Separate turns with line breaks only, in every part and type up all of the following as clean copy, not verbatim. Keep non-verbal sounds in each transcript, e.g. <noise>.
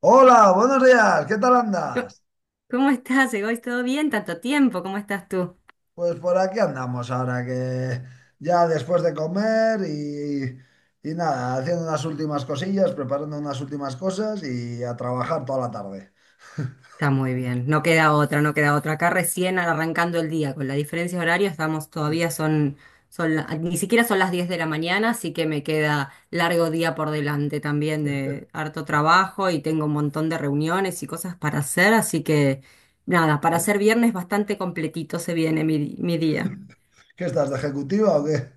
Hola, buenos días, ¿qué tal
Co-
andas?
¿Cómo estás, Egois? ¿Todo bien? Tanto tiempo, ¿cómo estás tú?
Pues por aquí andamos ahora que ya después de comer y nada, haciendo unas últimas cosillas, preparando unas últimas cosas y a trabajar toda la tarde. <laughs>
Está muy bien, no queda otra, no queda otra. Acá recién arrancando el día, con la diferencia horaria, estamos todavía son, son la- ni siquiera son las 10 de la mañana, así que me queda largo día por delante también de harto trabajo y tengo un montón de reuniones y cosas para hacer, así que nada, para
¿Eh?
ser viernes bastante completito se viene mi día.
¿Qué estás, de ejecutiva o qué?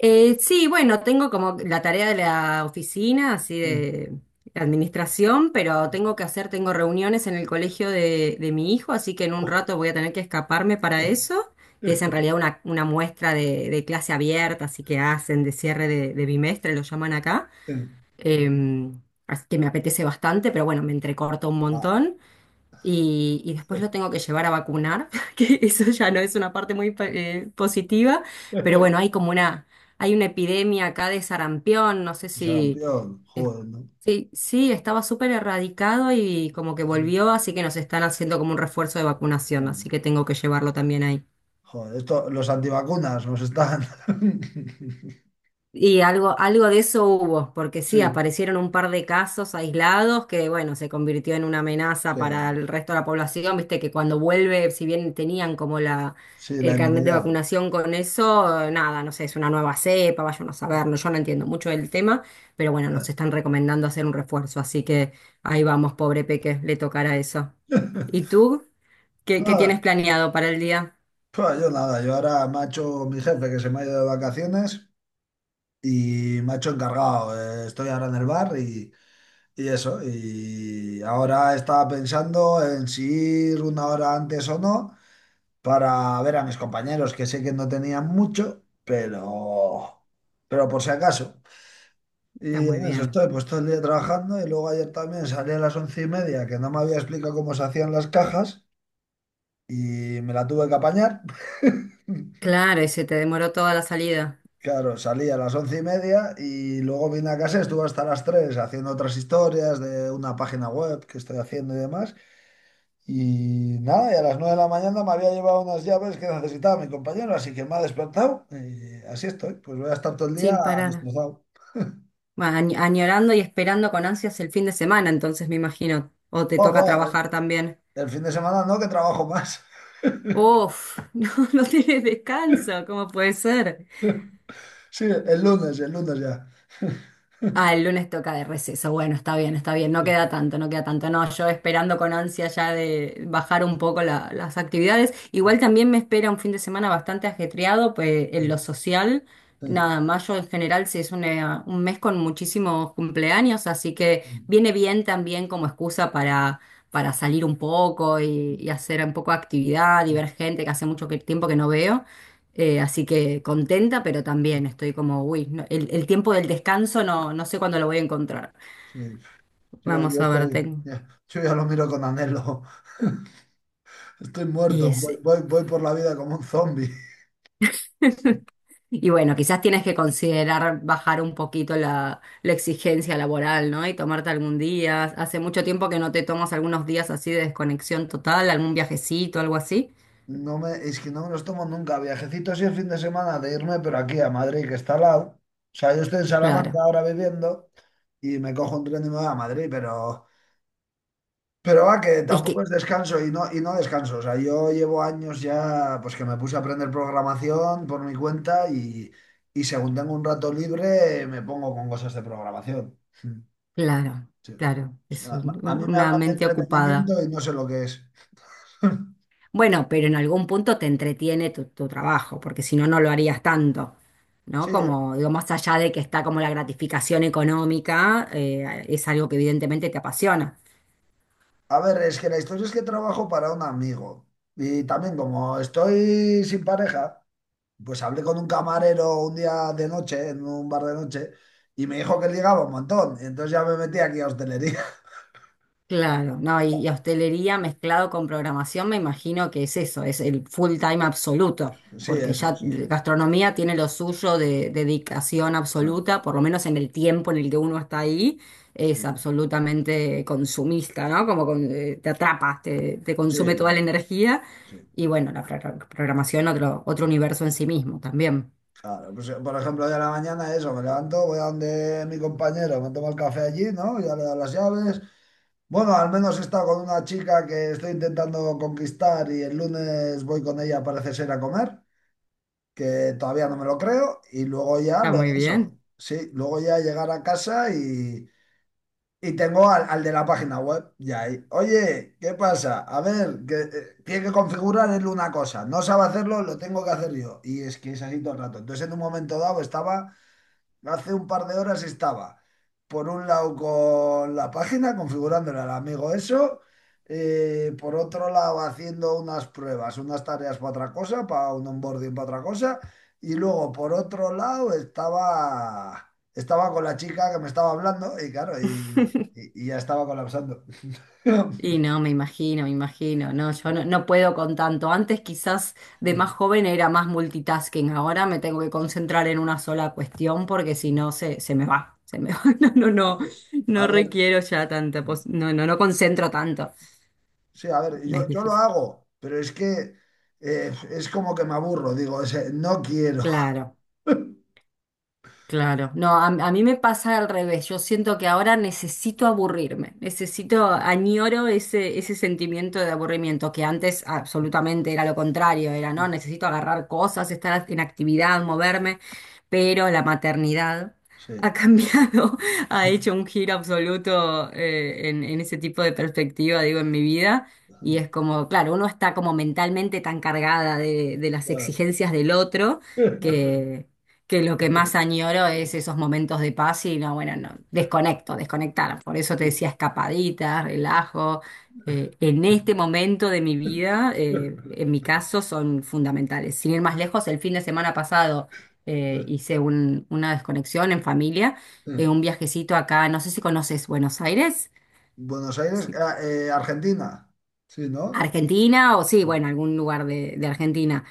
Sí, bueno, tengo como la tarea de la oficina, así de administración, pero tengo que hacer, tengo reuniones en el colegio de mi hijo, así que en un rato voy a tener que escaparme para eso, que es en
<laughs>
realidad una muestra de clase abierta, así que hacen de cierre de bimestre, lo llaman acá. Em, Así que me apetece bastante, pero bueno, me entrecorto un
Oh. Ah,
montón y después lo tengo que llevar a vacunar, <laughs> que eso ya no es una parte muy positiva, pero bueno, hay como una, hay una epidemia acá de sarampión, no sé si,
sarampión,
es-
joder, ¿no?
sí, sí, estaba súper erradicado y como que volvió, así que nos están haciendo como un refuerzo de vacunación,
Claro.
así que tengo que llevarlo también ahí.
Joder, esto, los antivacunas nos están. <laughs>
Y algo, algo de eso hubo, porque sí,
Sí,
aparecieron un par de casos aislados que, bueno, se convirtió en una amenaza para
sí,
el resto de la población, viste que cuando vuelve, si bien tenían como la,
sí,
el
la
carnet de
inmunidad.
vacunación con eso, nada, no sé, es una nueva cepa, vayan a saber, no, yo no entiendo mucho del tema, pero bueno, nos están recomendando hacer un refuerzo, así que ahí vamos, pobre Peque, le tocará eso. ¿Y
<laughs>
tú? ¿Qué tienes
Nada,
planeado para el día?
pues yo nada, yo ahora macho mi jefe que se me ha ido de vacaciones y macho encargado, estoy ahora en el bar y eso, y ahora estaba pensando en si ir una hora antes o no para ver a mis compañeros que sé que no tenían mucho, pero por si acaso.
Está
Y
muy
en eso
bien.
estoy, pues todo el día trabajando y luego ayer también salí a las 11:30, que no me había explicado cómo se hacían las cajas y me la tuve que apañar. <laughs>
Claro, y se te demoró toda la salida,
Claro, salí a las 11:30 y luego vine a casa, estuve hasta las tres haciendo otras historias de una página web que estoy haciendo y demás. Y nada, y a las 9 de la mañana me había llevado unas llaves que necesitaba mi compañero, así que me ha despertado y así estoy. Pues voy a estar todo el día
sin parar.
destrozado.
Vas añ- añorando y esperando con ansias el fin de semana, entonces me imagino. O te
Buah,
toca
buah, el
trabajar también.
el fin de semana no, que trabajo más.
Uf, <laughs> no, no tienes descanso, ¿cómo puede ser?
<laughs> Sí, el lunes ya.
Ah, el lunes toca de receso. Bueno, está bien, está bien. No
Sí,
queda tanto, no queda tanto. No, yo esperando con ansia ya de bajar un poco la- las actividades. Igual también me espera un fin de semana bastante ajetreado, pues en lo social.
sí,
Nada, mayo en general sí es una- un mes con muchísimos cumpleaños, así que viene bien también como excusa para salir un poco y hacer un poco de actividad, divergente, que hace mucho que- tiempo que no veo. Así que contenta, pero también estoy como, uy, no, el tiempo del descanso no, no sé cuándo lo voy a encontrar.
sí. yo
Vamos a ver,
estoy,
tengo.
yo yo ya lo miro con anhelo. Estoy
Y
muerto, voy,
ese.
voy- voy por la vida como un zombie.
<laughs> Y bueno, quizás tienes que considerar bajar un poquito la exigencia laboral, ¿no? Y tomarte algún día. Hace mucho tiempo que no te tomas algunos días así de desconexión total, algún viajecito, algo así.
Es que no me los tomo nunca. Viajecito así el fin de semana de irme, pero aquí a Madrid, que está al lado. O sea, yo estoy en Salamanca
Claro.
ahora viviendo y me cojo un tren y me voy a Madrid, pero va, que
Es
tampoco
que,
es descanso y no descanso. O sea, yo llevo años ya, pues que me puse a aprender programación por mi cuenta y según tengo un rato libre, me pongo con cosas de programación. Hmm.
claro,
Sí.
claro,
O
es
sea, a
un-
mí me
una
hablan de
mente ocupada.
entretenimiento y no sé lo que es.
Bueno, pero en algún punto te entretiene tu trabajo, porque si no, no lo harías tanto, ¿no?
Sí.
Como, digo, más allá de que está como la gratificación económica, es algo que evidentemente te apasiona.
A ver, es que la historia es que trabajo para un amigo y también como estoy sin pareja, pues hablé con un camarero un día de noche, en un bar de noche, y me dijo que ligaba un montón. Y entonces ya me metí aquí a hostelería.
Claro, no, y
<laughs>
hostelería mezclado con programación, me imagino que es eso, es el full time absoluto,
Sí,
porque
eso,
ya
sí, sí.
gastronomía tiene lo suyo de dedicación
Ah.
absoluta, por lo menos en el tiempo en el que uno está ahí, es
Sí,
absolutamente consumista, ¿no? Como con- te atrapas, te
sí,
consume toda la
sí,
energía,
sí.
y bueno, la pro- programación otro, otro universo en sí mismo también.
Claro, pues por ejemplo, de la mañana eso, me levanto, voy a donde mi compañero, me tomo el café allí, ¿no? Ya le doy las llaves. Bueno, al menos he estado con una chica que estoy intentando conquistar y el lunes voy con ella, parece ser, a comer, que todavía no me lo creo, y luego ya
Está
lo
muy
eso,
bien.
sí, luego ya llegar a casa y tengo al de la página web ya ahí. Oye, ¿qué pasa? A ver, que tiene que configurar él una cosa, no sabe hacerlo, lo tengo que hacer yo. Y es que es así todo el rato. Entonces, en un momento dado estaba... Hace un par de horas estaba, por un lado, con la página, configurándole al amigo eso, por otro lado, haciendo unas pruebas, unas tareas para otra cosa, para un onboarding para otra cosa, y luego, por otro lado, estaba con la chica que me estaba hablando, y claro, y ya estaba colapsando.
Y
<laughs>
no, me imagino, me imagino. No, yo no, no puedo con tanto. Antes quizás de más joven era más multitasking. Ahora me tengo que concentrar en una sola cuestión porque si no se, se me va. Se me va. <laughs> No, no, no.
Sí.
No
A ver,
requiero ya tanta pos- No, no, no concentro tanto.
sí, a ver,
Me es
yo lo
difícil.
hago, pero es que es como que me aburro, digo, es, no quiero.
Claro. Claro, no, a mí me pasa al revés, yo siento que ahora necesito aburrirme, necesito, añoro ese, ese sentimiento de aburrimiento que antes absolutamente era lo contrario, era no, necesito agarrar cosas, estar en actividad, moverme, pero la maternidad ha <laughs>
Sí.
cambiado, ha hecho
<laughs>
un giro absoluto en ese tipo de perspectiva, digo, en mi vida. Y es como, claro, uno está como mentalmente tan cargada de las
Claro.
exigencias del otro que lo que más añoro es esos momentos de paz y no, bueno, no, desconecto, desconectar. Por eso te decía escapadita, relajo. En este momento de mi vida, en mi caso, son fundamentales. Sin ir más lejos, el fin de semana pasado hice un- una desconexión en familia, un viajecito acá, no sé si conoces Buenos Aires.
Buenos Aires,
Sí.
ah, Argentina. Sí, ¿no?
Argentina o sí, bueno, algún lugar de Argentina.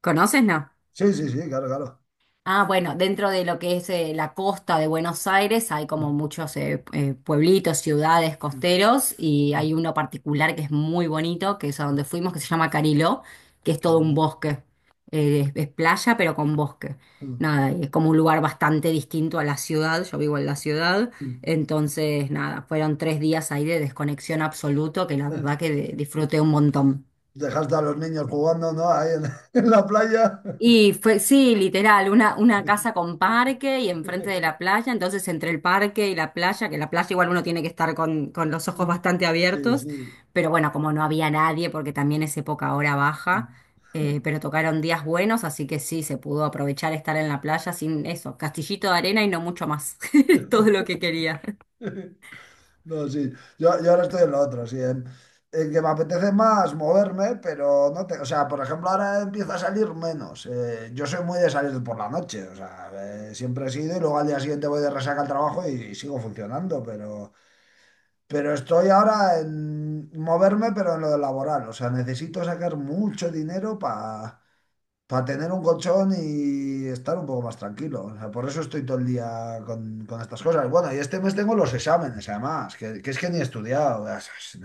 ¿Conoces, no?
Sí, sí, sí, claro, claro.
Ah, bueno, dentro de lo que es la costa de Buenos Aires hay como muchos pueblitos, ciudades, costeros y hay uno particular que es muy bonito, que es a donde fuimos, que se llama Cariló, que es todo un
Cariño.
bosque. Es playa pero con bosque. Nada, y es como un lugar bastante distinto a la ciudad, yo vivo en la ciudad, entonces nada, fueron 3 días ahí de desconexión absoluto que la verdad que de- disfruté un montón.
Dejaste a los niños jugando, ¿no? Ahí <laughs> en la playa.
Y fue, sí, literal, una casa con parque y enfrente de la playa, entonces entre el parque y la playa, que la playa igual uno tiene que estar con los ojos bastante
Sí,
abiertos,
sí.
pero bueno, como no había nadie, porque también es época hora baja, pero tocaron días buenos, así que sí, se pudo aprovechar estar en la playa sin eso, castillito de arena y no mucho más, <laughs> todo lo que quería.
No, sí. Yo ahora estoy en lo otro, sí. En que me apetece más moverme, pero no te... O sea, por ejemplo, ahora empiezo a salir menos. Yo soy muy de salir por la noche. O sea, siempre he sido y luego al día siguiente voy de resaca al trabajo y sigo funcionando. Pero estoy ahora en moverme, pero en lo laboral. O sea, necesito sacar mucho dinero para tener un colchón y estar un poco más tranquilo. O sea, por eso estoy todo el día con estas cosas. Bueno, y este mes tengo los exámenes, además, que es que ni he estudiado. Estoy,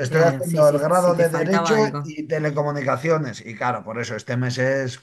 estoy
Claro, sí,
haciendo el
sí, sí
grado
te
de
faltaba
Derecho
algo.
y Telecomunicaciones. Y claro, por eso este mes es...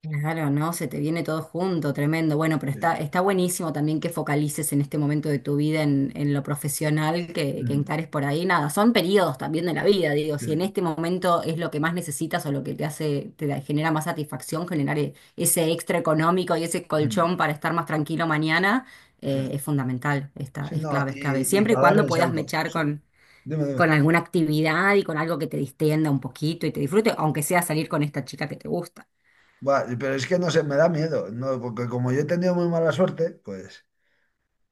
Claro, no, se te viene todo junto, tremendo. Bueno, pero
Sí,
está, está buenísimo también que focalices en este momento de tu vida en lo profesional que
mm,
encares por ahí. Nada, son periodos también de la vida, digo,
sí,
si en este momento es lo que más necesitas o lo que te hace, te da- genera más satisfacción, generar e- ese extra económico y ese
mm,
colchón para estar más tranquilo mañana,
sí.
es fundamental, está,
Sí,
es
no,
clave, es clave.
y
Siempre y
para dar
cuando
el
puedas
salto.
mechar
Sí. Dime, dime.
con alguna actividad y con algo que te distienda un poquito y te disfrute, aunque sea salir con esta chica que te gusta.
Va, pero es que no sé, me da miedo, ¿no? Porque como yo he tenido muy mala suerte, pues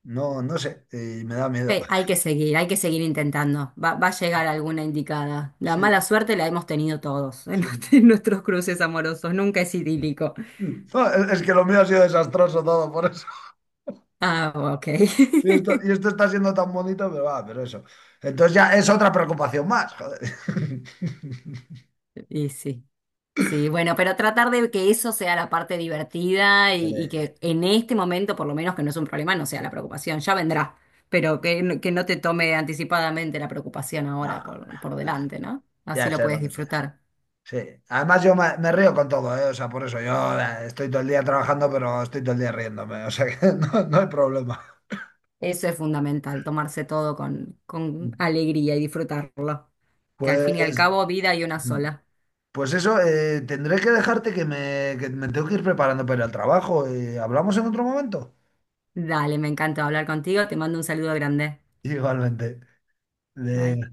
no, no sé, y me da miedo.
Hay que
<laughs>
seguir, hay que seguir intentando. Va, va a llegar alguna indicada. La mala
Sí.
suerte la hemos tenido todos en, <laughs>
Sí.
en nuestros cruces amorosos. Nunca es idílico.
No, es que lo mío ha sido desastroso todo por eso.
Ah, ok. <laughs>
Y esto está siendo tan bonito, pero va, pero eso. Entonces ya es otra preocupación más, joder. <laughs>
Y sí. Sí, bueno, pero tratar de que eso sea la parte divertida y
Eh,
que en este momento, por lo menos, que no es un problema, no sea la preocupación. Ya vendrá. Pero que no te tome anticipadamente la preocupación
no,
ahora
no,
por
no,
delante, ¿no? Así
ya
lo
sé
puedes
lo que sea.
disfrutar.
Sí. Además me río con todo, ¿eh? O sea, por eso yo estoy todo el día trabajando, pero estoy todo el día riéndome. O sea que <laughs> no, no hay problema.
Eso es fundamental, tomarse todo con alegría y disfrutarlo. Que al fin y al
Pues,
cabo, vida hay una sola.
pues eso, tendré que dejarte, que me tengo que ir preparando para ir al trabajo. ¿Hablamos en otro momento?
Dale, me encanta hablar contigo, te mando un saludo grande.
Igualmente.
Bye.
De